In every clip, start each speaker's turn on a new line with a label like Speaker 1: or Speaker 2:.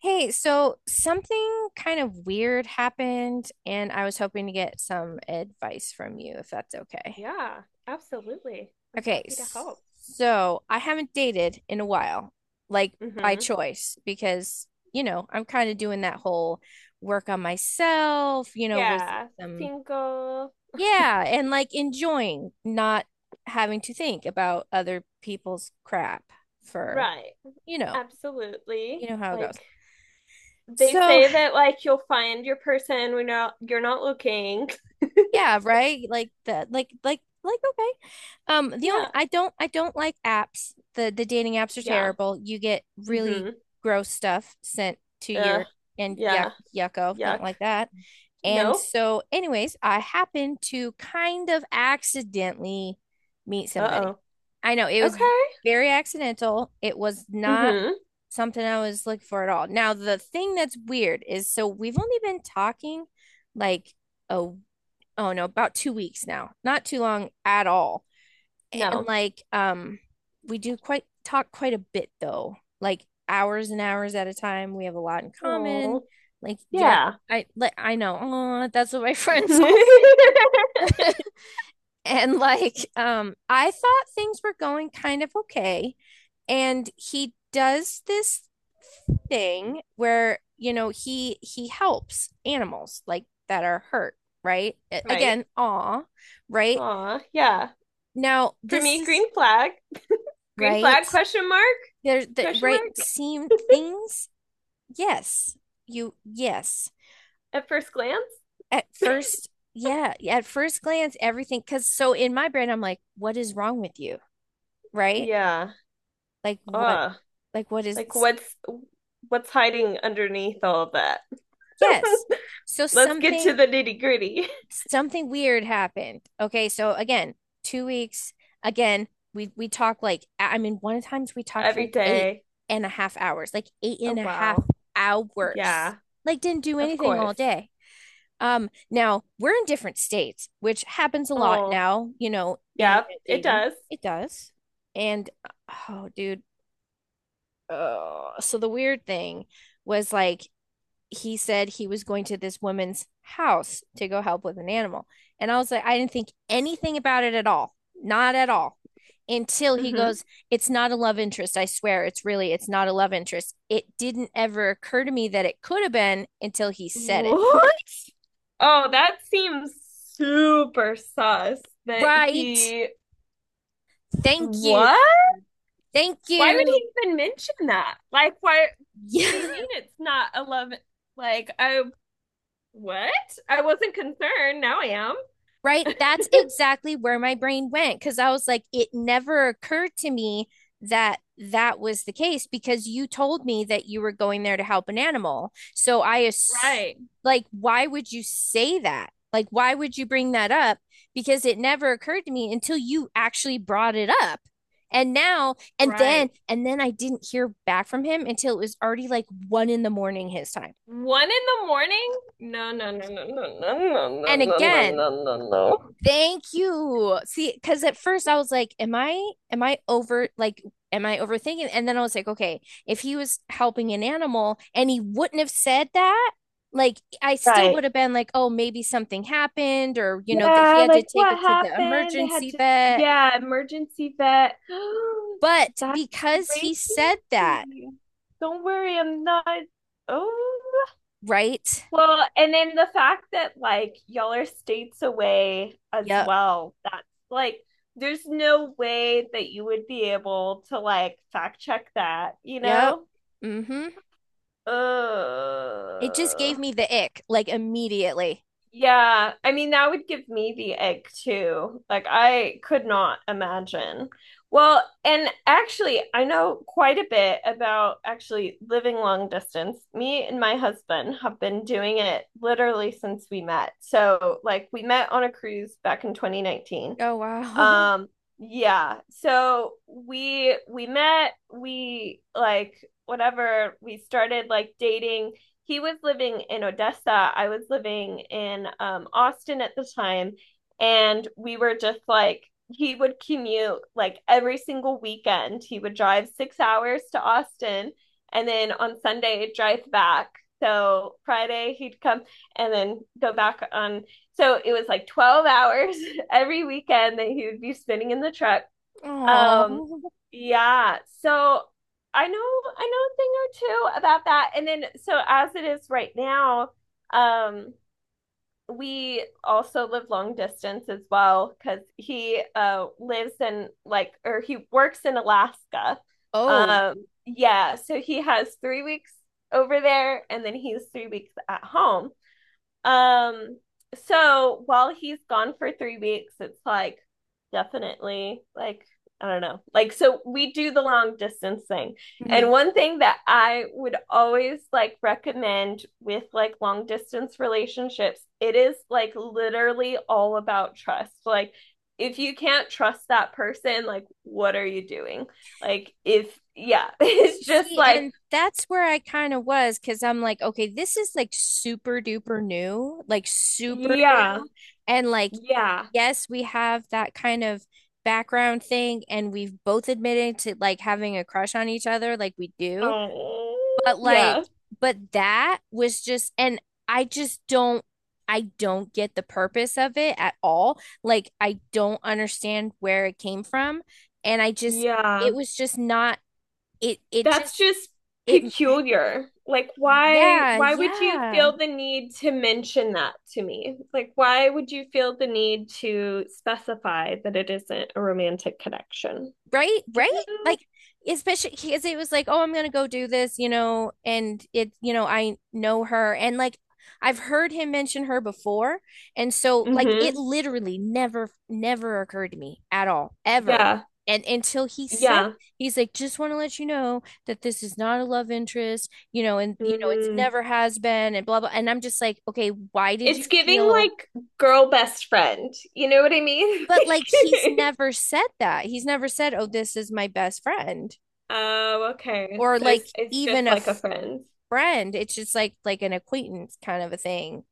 Speaker 1: Hey, so something kind of weird happened, and I was hoping to get some advice from you if that's okay.
Speaker 2: Yeah, absolutely. I'm
Speaker 1: Okay,
Speaker 2: happy to
Speaker 1: s-
Speaker 2: help.
Speaker 1: so I haven't dated in a while, like by
Speaker 2: Hmm.
Speaker 1: choice, because, I'm kind of doing that whole work on myself,
Speaker 2: Yeah,
Speaker 1: some,
Speaker 2: single.
Speaker 1: yeah, and like enjoying not having to think about other people's crap for,
Speaker 2: Right.
Speaker 1: you know, you
Speaker 2: Absolutely.
Speaker 1: know how it goes.
Speaker 2: Like they
Speaker 1: So
Speaker 2: say that like you'll find your person when you're not looking.
Speaker 1: yeah, right? Like the like okay. The only
Speaker 2: Yeah.
Speaker 1: I don't like apps. The dating apps are
Speaker 2: Yeah.
Speaker 1: terrible. You get really
Speaker 2: Hmm.
Speaker 1: gross stuff sent to
Speaker 2: Yeah.
Speaker 1: your and yuck
Speaker 2: Yeah.
Speaker 1: yucko. Don't
Speaker 2: Yuck.
Speaker 1: like that. And
Speaker 2: No.
Speaker 1: so anyways, I happened to kind of accidentally meet somebody.
Speaker 2: Uh-oh.
Speaker 1: I know it was
Speaker 2: Okay.
Speaker 1: very accidental. It was not
Speaker 2: Hmm.
Speaker 1: something I was looking for at all. Now, the thing that's weird is so we've only been talking like a oh no, about 2 weeks now. Not too long at all. And
Speaker 2: No.
Speaker 1: like um we do quite talk quite a bit though. Like hours and hours at a time. We have a lot in common.
Speaker 2: Oh.
Speaker 1: Like yeah,
Speaker 2: Yeah.
Speaker 1: I know. Oh, that's what my friends all say. And I thought things were going kind of okay. And he does this thing where, you know, he helps animals like that are hurt, right?
Speaker 2: Right.
Speaker 1: Again, aw, right?
Speaker 2: Aw, yeah.
Speaker 1: Now,
Speaker 2: For
Speaker 1: this
Speaker 2: me,
Speaker 1: is
Speaker 2: green flag. Green
Speaker 1: right.
Speaker 2: flag question mark?
Speaker 1: There, the
Speaker 2: Question
Speaker 1: right
Speaker 2: mark
Speaker 1: seem things. Yes, yes.
Speaker 2: at first glance?
Speaker 1: At first, yeah, at first glance, everything. Because so in my brain, I'm like, what is wrong with you? Right?
Speaker 2: Yeah.
Speaker 1: Like, what,
Speaker 2: Uh,
Speaker 1: like, what
Speaker 2: like
Speaker 1: is,
Speaker 2: what's hiding underneath all of that?
Speaker 1: yes. So
Speaker 2: Let's get to the nitty-gritty.
Speaker 1: something weird happened. Okay, so again, 2 weeks. Again, we talked like I mean, one of the times we talked for
Speaker 2: Every
Speaker 1: like eight
Speaker 2: day.
Speaker 1: and a half hours, like eight and
Speaker 2: Oh
Speaker 1: a half
Speaker 2: wow.
Speaker 1: hours.
Speaker 2: Yeah,
Speaker 1: Like didn't do
Speaker 2: of
Speaker 1: anything all
Speaker 2: course.
Speaker 1: day. Now we're in different states, which happens a lot
Speaker 2: Oh,
Speaker 1: now, you know, internet
Speaker 2: yeah, it
Speaker 1: dating.
Speaker 2: does.
Speaker 1: It does. And oh, dude. Oh, so the weird thing was like he said he was going to this woman's house to go help with an animal. And I was like, I didn't think anything about it at all. Not at all. Until he
Speaker 2: Hmm.
Speaker 1: goes, it's not a love interest. I swear. It's really, it's not a love interest. It didn't ever occur to me that it could have been until he said it.
Speaker 2: What? Oh, that seems super sus that
Speaker 1: Right.
Speaker 2: he
Speaker 1: Thank you.
Speaker 2: what?
Speaker 1: Thank
Speaker 2: Why would
Speaker 1: you.
Speaker 2: he even mention that? Like why what do you
Speaker 1: Yeah,
Speaker 2: mean it's not a love, like I what? I wasn't concerned, now I am.
Speaker 1: right? That's exactly where my brain went because I was like, it never occurred to me that that was the case because you told me that you were going there to help an animal.
Speaker 2: Right,
Speaker 1: Like, why would you say that? Like, why would you bring that up? Because it never occurred to me until you actually brought it up. And now, and then,
Speaker 2: right.
Speaker 1: and then I didn't hear back from him until it was already like one in the morning his time.
Speaker 2: 1 in the morning? No, no, no, no, no, no, no, no,
Speaker 1: And
Speaker 2: no, no,
Speaker 1: again,
Speaker 2: no, no, no.
Speaker 1: thank you. See, because at first I was like, am I over like am I overthinking? And then I was like, okay, if he was helping an animal and he wouldn't have said that, like I still
Speaker 2: Right.
Speaker 1: would have been like, oh, maybe something happened or you know that he
Speaker 2: Yeah,
Speaker 1: had to
Speaker 2: like
Speaker 1: take
Speaker 2: what
Speaker 1: it to the
Speaker 2: happened? They had
Speaker 1: emergency
Speaker 2: to,
Speaker 1: vet.
Speaker 2: yeah, emergency vet.
Speaker 1: But
Speaker 2: That's
Speaker 1: because he said that,
Speaker 2: crazy. Don't worry, I'm not. Oh,
Speaker 1: right?
Speaker 2: well, and then the fact that like y'all are states away as
Speaker 1: Yep.
Speaker 2: well, that's like there's no way that you would be able to like fact check that, you
Speaker 1: Yep.
Speaker 2: know?
Speaker 1: Mm-hmm. It just gave
Speaker 2: Uh,
Speaker 1: me the ick like immediately.
Speaker 2: yeah. I mean, that would give me the egg too. Like, I could not imagine. Well, and actually, I know quite a bit about actually living long distance. Me and my husband have been doing it literally since we met. So, like, we met on a cruise back in 2019.
Speaker 1: Oh wow.
Speaker 2: Um, yeah. So we met, we like whatever, we started like dating. He was living in Odessa. I was living in Austin at the time, and we were just like he would commute like every single weekend. He would drive 6 hours to Austin and then on Sunday drive back. So Friday he'd come and then go back on. So it was like 12 hours every weekend that he would be spinning in the truck. Um,
Speaker 1: Oh.
Speaker 2: yeah. So I know I know a thing or two about that. And then so as it is right now, um, we also live long distance as well because he lives in like or he works in Alaska.
Speaker 1: Oh.
Speaker 2: Yeah, so he has 3 weeks over there and then he's 3 weeks at home. Um, so while he's gone for 3 weeks, it's like definitely like I don't know. Like, so we do the long distance thing. And
Speaker 1: Mhm.
Speaker 2: one thing that I would always like recommend with like long distance relationships, it is like literally all about trust. Like, if you can't trust that person, like, what are you doing? Like, if, yeah, it's just
Speaker 1: See,
Speaker 2: like,
Speaker 1: and that's where I kind of was because I'm like, okay, this is like super duper new, like super
Speaker 2: yeah,
Speaker 1: new. And like,
Speaker 2: yeah,
Speaker 1: yes, we have that kind of background thing, and we've both admitted to like having a crush on each other, like we do.
Speaker 2: oh,
Speaker 1: But like,
Speaker 2: yeah,
Speaker 1: but that was just, and I just don't, I don't get the purpose of it at all. Like, I don't understand where it came from. And I just, it
Speaker 2: yeah.
Speaker 1: was just not, it
Speaker 2: That's
Speaker 1: just,
Speaker 2: just
Speaker 1: it
Speaker 2: peculiar. Like why
Speaker 1: Yeah,
Speaker 2: why would you
Speaker 1: yeah.
Speaker 2: feel the need to mention that to me? Like why would you feel the need to specify that it isn't a romantic connection?
Speaker 1: Right, right?
Speaker 2: You
Speaker 1: Like especially because it was like, oh, I'm gonna go do this, you know, and it, you know, I know her and like I've heard him mention her before. And so
Speaker 2: know?
Speaker 1: like it
Speaker 2: Mm-hmm.
Speaker 1: literally never occurred to me at all, ever.
Speaker 2: Yeah.
Speaker 1: And until he said
Speaker 2: Yeah.
Speaker 1: he's like, just want to let you know that this is not a love interest, you know, and you know, it's
Speaker 2: Mm.
Speaker 1: never has been and blah blah. And I'm just like, okay, why did
Speaker 2: It's
Speaker 1: you
Speaker 2: giving
Speaker 1: feel
Speaker 2: like girl best friend. You know what I mean?
Speaker 1: but like he's never said that. He's never said, "Oh, this is my best friend,"
Speaker 2: Oh, okay.
Speaker 1: or
Speaker 2: So
Speaker 1: like
Speaker 2: it's
Speaker 1: even
Speaker 2: just
Speaker 1: a
Speaker 2: like a friend.
Speaker 1: friend. It's just like an acquaintance kind of a thing.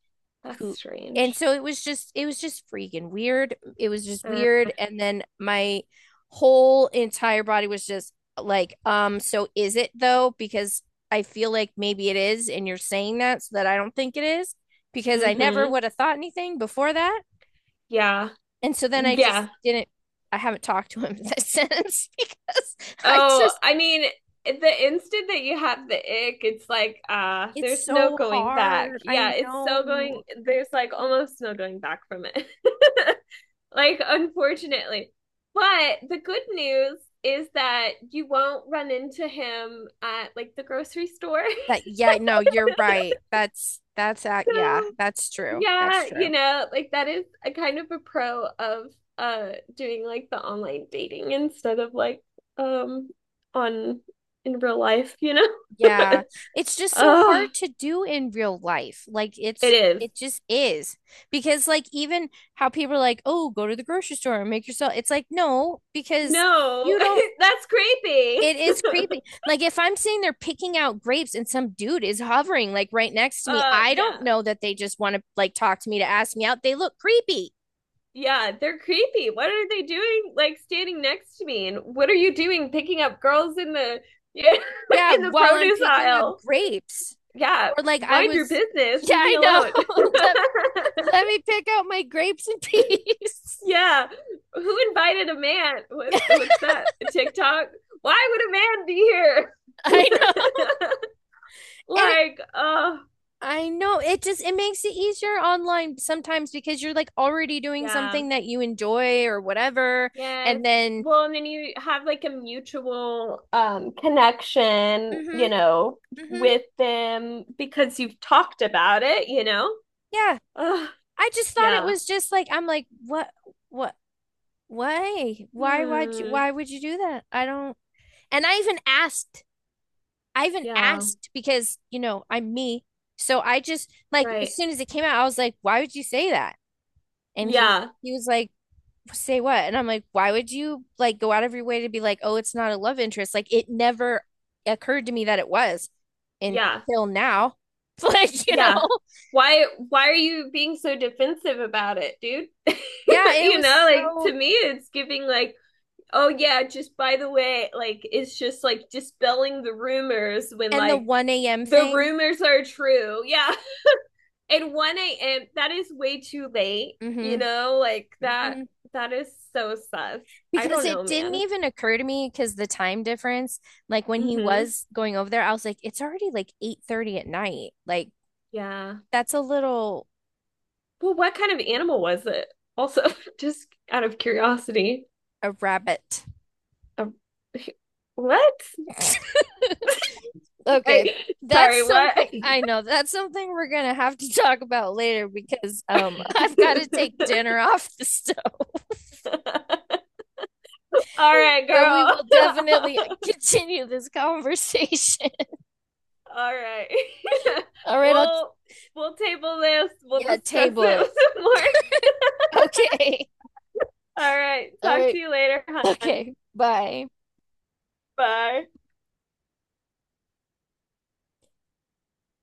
Speaker 2: That's
Speaker 1: Who and
Speaker 2: strange.
Speaker 1: so it was just freaking weird. It was just
Speaker 2: Uh,
Speaker 1: weird. And then my whole entire body was just like, so is it though? Because I feel like maybe it is, and you're saying that so that I don't think it is because I never
Speaker 2: mm-hmm.
Speaker 1: would have thought anything before that.
Speaker 2: Yeah.
Speaker 1: And so then I just
Speaker 2: Yeah.
Speaker 1: didn't, I haven't talked to him since because I
Speaker 2: Oh,
Speaker 1: just,
Speaker 2: I mean, the instant that you have the ick, it's like, ah,
Speaker 1: it's
Speaker 2: there's no
Speaker 1: so
Speaker 2: going back.
Speaker 1: hard. I
Speaker 2: Yeah, it's so going,
Speaker 1: know
Speaker 2: there's like almost no going back from it. Like, unfortunately. But the good news is that you won't run into him at like the grocery store.
Speaker 1: that, yeah, no, you're right.
Speaker 2: So,
Speaker 1: Yeah, that's true. That's
Speaker 2: yeah, you
Speaker 1: true.
Speaker 2: know, like that is a kind of a pro of doing like the online dating instead of like um on in real life, you know?
Speaker 1: Yeah. It's just so hard
Speaker 2: Oh.
Speaker 1: to do in real life.
Speaker 2: It is.
Speaker 1: It just is because like even how people are like, oh, go to the grocery store and make yourself, it's like, no, because
Speaker 2: No,
Speaker 1: you don't.
Speaker 2: that's creepy.
Speaker 1: It is creepy. Like if I'm sitting there picking out grapes and some dude is hovering like right next to me, I don't
Speaker 2: Yeah.
Speaker 1: know that they just want to like talk to me to ask me out. They look creepy.
Speaker 2: Yeah, they're creepy. What are they doing like standing next to me? And what are you doing picking up girls in the yeah,
Speaker 1: Yeah,
Speaker 2: in the
Speaker 1: while I'm
Speaker 2: produce
Speaker 1: picking up
Speaker 2: aisle?
Speaker 1: grapes.
Speaker 2: Yeah,
Speaker 1: Or like I
Speaker 2: mind your
Speaker 1: was,
Speaker 2: business.
Speaker 1: yeah,
Speaker 2: Leave me
Speaker 1: I know.
Speaker 2: alone.
Speaker 1: Let me pick out my grapes in peace.
Speaker 2: Yeah. Who invited a man? What, what's that? TikTok? Why would a man be here?
Speaker 1: I know. And it,
Speaker 2: Like, oh,
Speaker 1: I know it just it makes it easier online sometimes because you're like already doing
Speaker 2: yeah.
Speaker 1: something that you enjoy or whatever,
Speaker 2: Yes.
Speaker 1: and then
Speaker 2: Well, and then you have like a mutual connection,
Speaker 1: mm-hmm,
Speaker 2: you know,
Speaker 1: mm-hmm,
Speaker 2: with them because you've talked about it, you know?
Speaker 1: yeah.
Speaker 2: Ugh,
Speaker 1: I just thought it
Speaker 2: yeah.
Speaker 1: was just like I'm like what
Speaker 2: Hmm.
Speaker 1: why would you do that? I don't and I even asked
Speaker 2: Yeah.
Speaker 1: because you know I'm me, so I just like as
Speaker 2: Right.
Speaker 1: soon as it came out I was like why would you say that? And
Speaker 2: Yeah.
Speaker 1: he was like say what? And I'm like why would you like go out of your way to be like oh it's not a love interest, like it never occurred to me that it was
Speaker 2: Yeah.
Speaker 1: until now, like you know,
Speaker 2: Yeah. Why are you being so defensive about it, dude?
Speaker 1: yeah it
Speaker 2: You
Speaker 1: was
Speaker 2: know, like
Speaker 1: so,
Speaker 2: to me it's giving like, oh yeah, just by the way, like it's just like dispelling the rumors when
Speaker 1: and the
Speaker 2: like
Speaker 1: 1 a.m.
Speaker 2: the
Speaker 1: thing.
Speaker 2: rumors are true. Yeah. And 1 a.m. that is way too late, you
Speaker 1: Hmm.
Speaker 2: know, like that is so sus. I
Speaker 1: Because
Speaker 2: don't
Speaker 1: it
Speaker 2: know,
Speaker 1: didn't
Speaker 2: man.
Speaker 1: even occur to me because the time difference, like when he
Speaker 2: Mm-hmm.
Speaker 1: was going over there, I was like, it's already like 8:30 at night. Like
Speaker 2: Yeah.
Speaker 1: that's a little
Speaker 2: Well, what kind of animal was it? Also, just out of curiosity.
Speaker 1: a rabbit.
Speaker 2: Um, what? Sorry,
Speaker 1: Okay. That's
Speaker 2: sorry, what?
Speaker 1: something I know. That's something we're gonna have to talk about later because I've got to take dinner off the stove.
Speaker 2: All right,
Speaker 1: But we will definitely
Speaker 2: girl.
Speaker 1: continue this conversation.
Speaker 2: Alright.
Speaker 1: All right, I'll
Speaker 2: Well, we'll table this. We'll
Speaker 1: yeah,
Speaker 2: discuss
Speaker 1: table
Speaker 2: it
Speaker 1: it.
Speaker 2: with some more.
Speaker 1: Okay.
Speaker 2: All right.
Speaker 1: All
Speaker 2: Talk to
Speaker 1: right.
Speaker 2: you later, hon.
Speaker 1: Okay. Bye.
Speaker 2: Bye.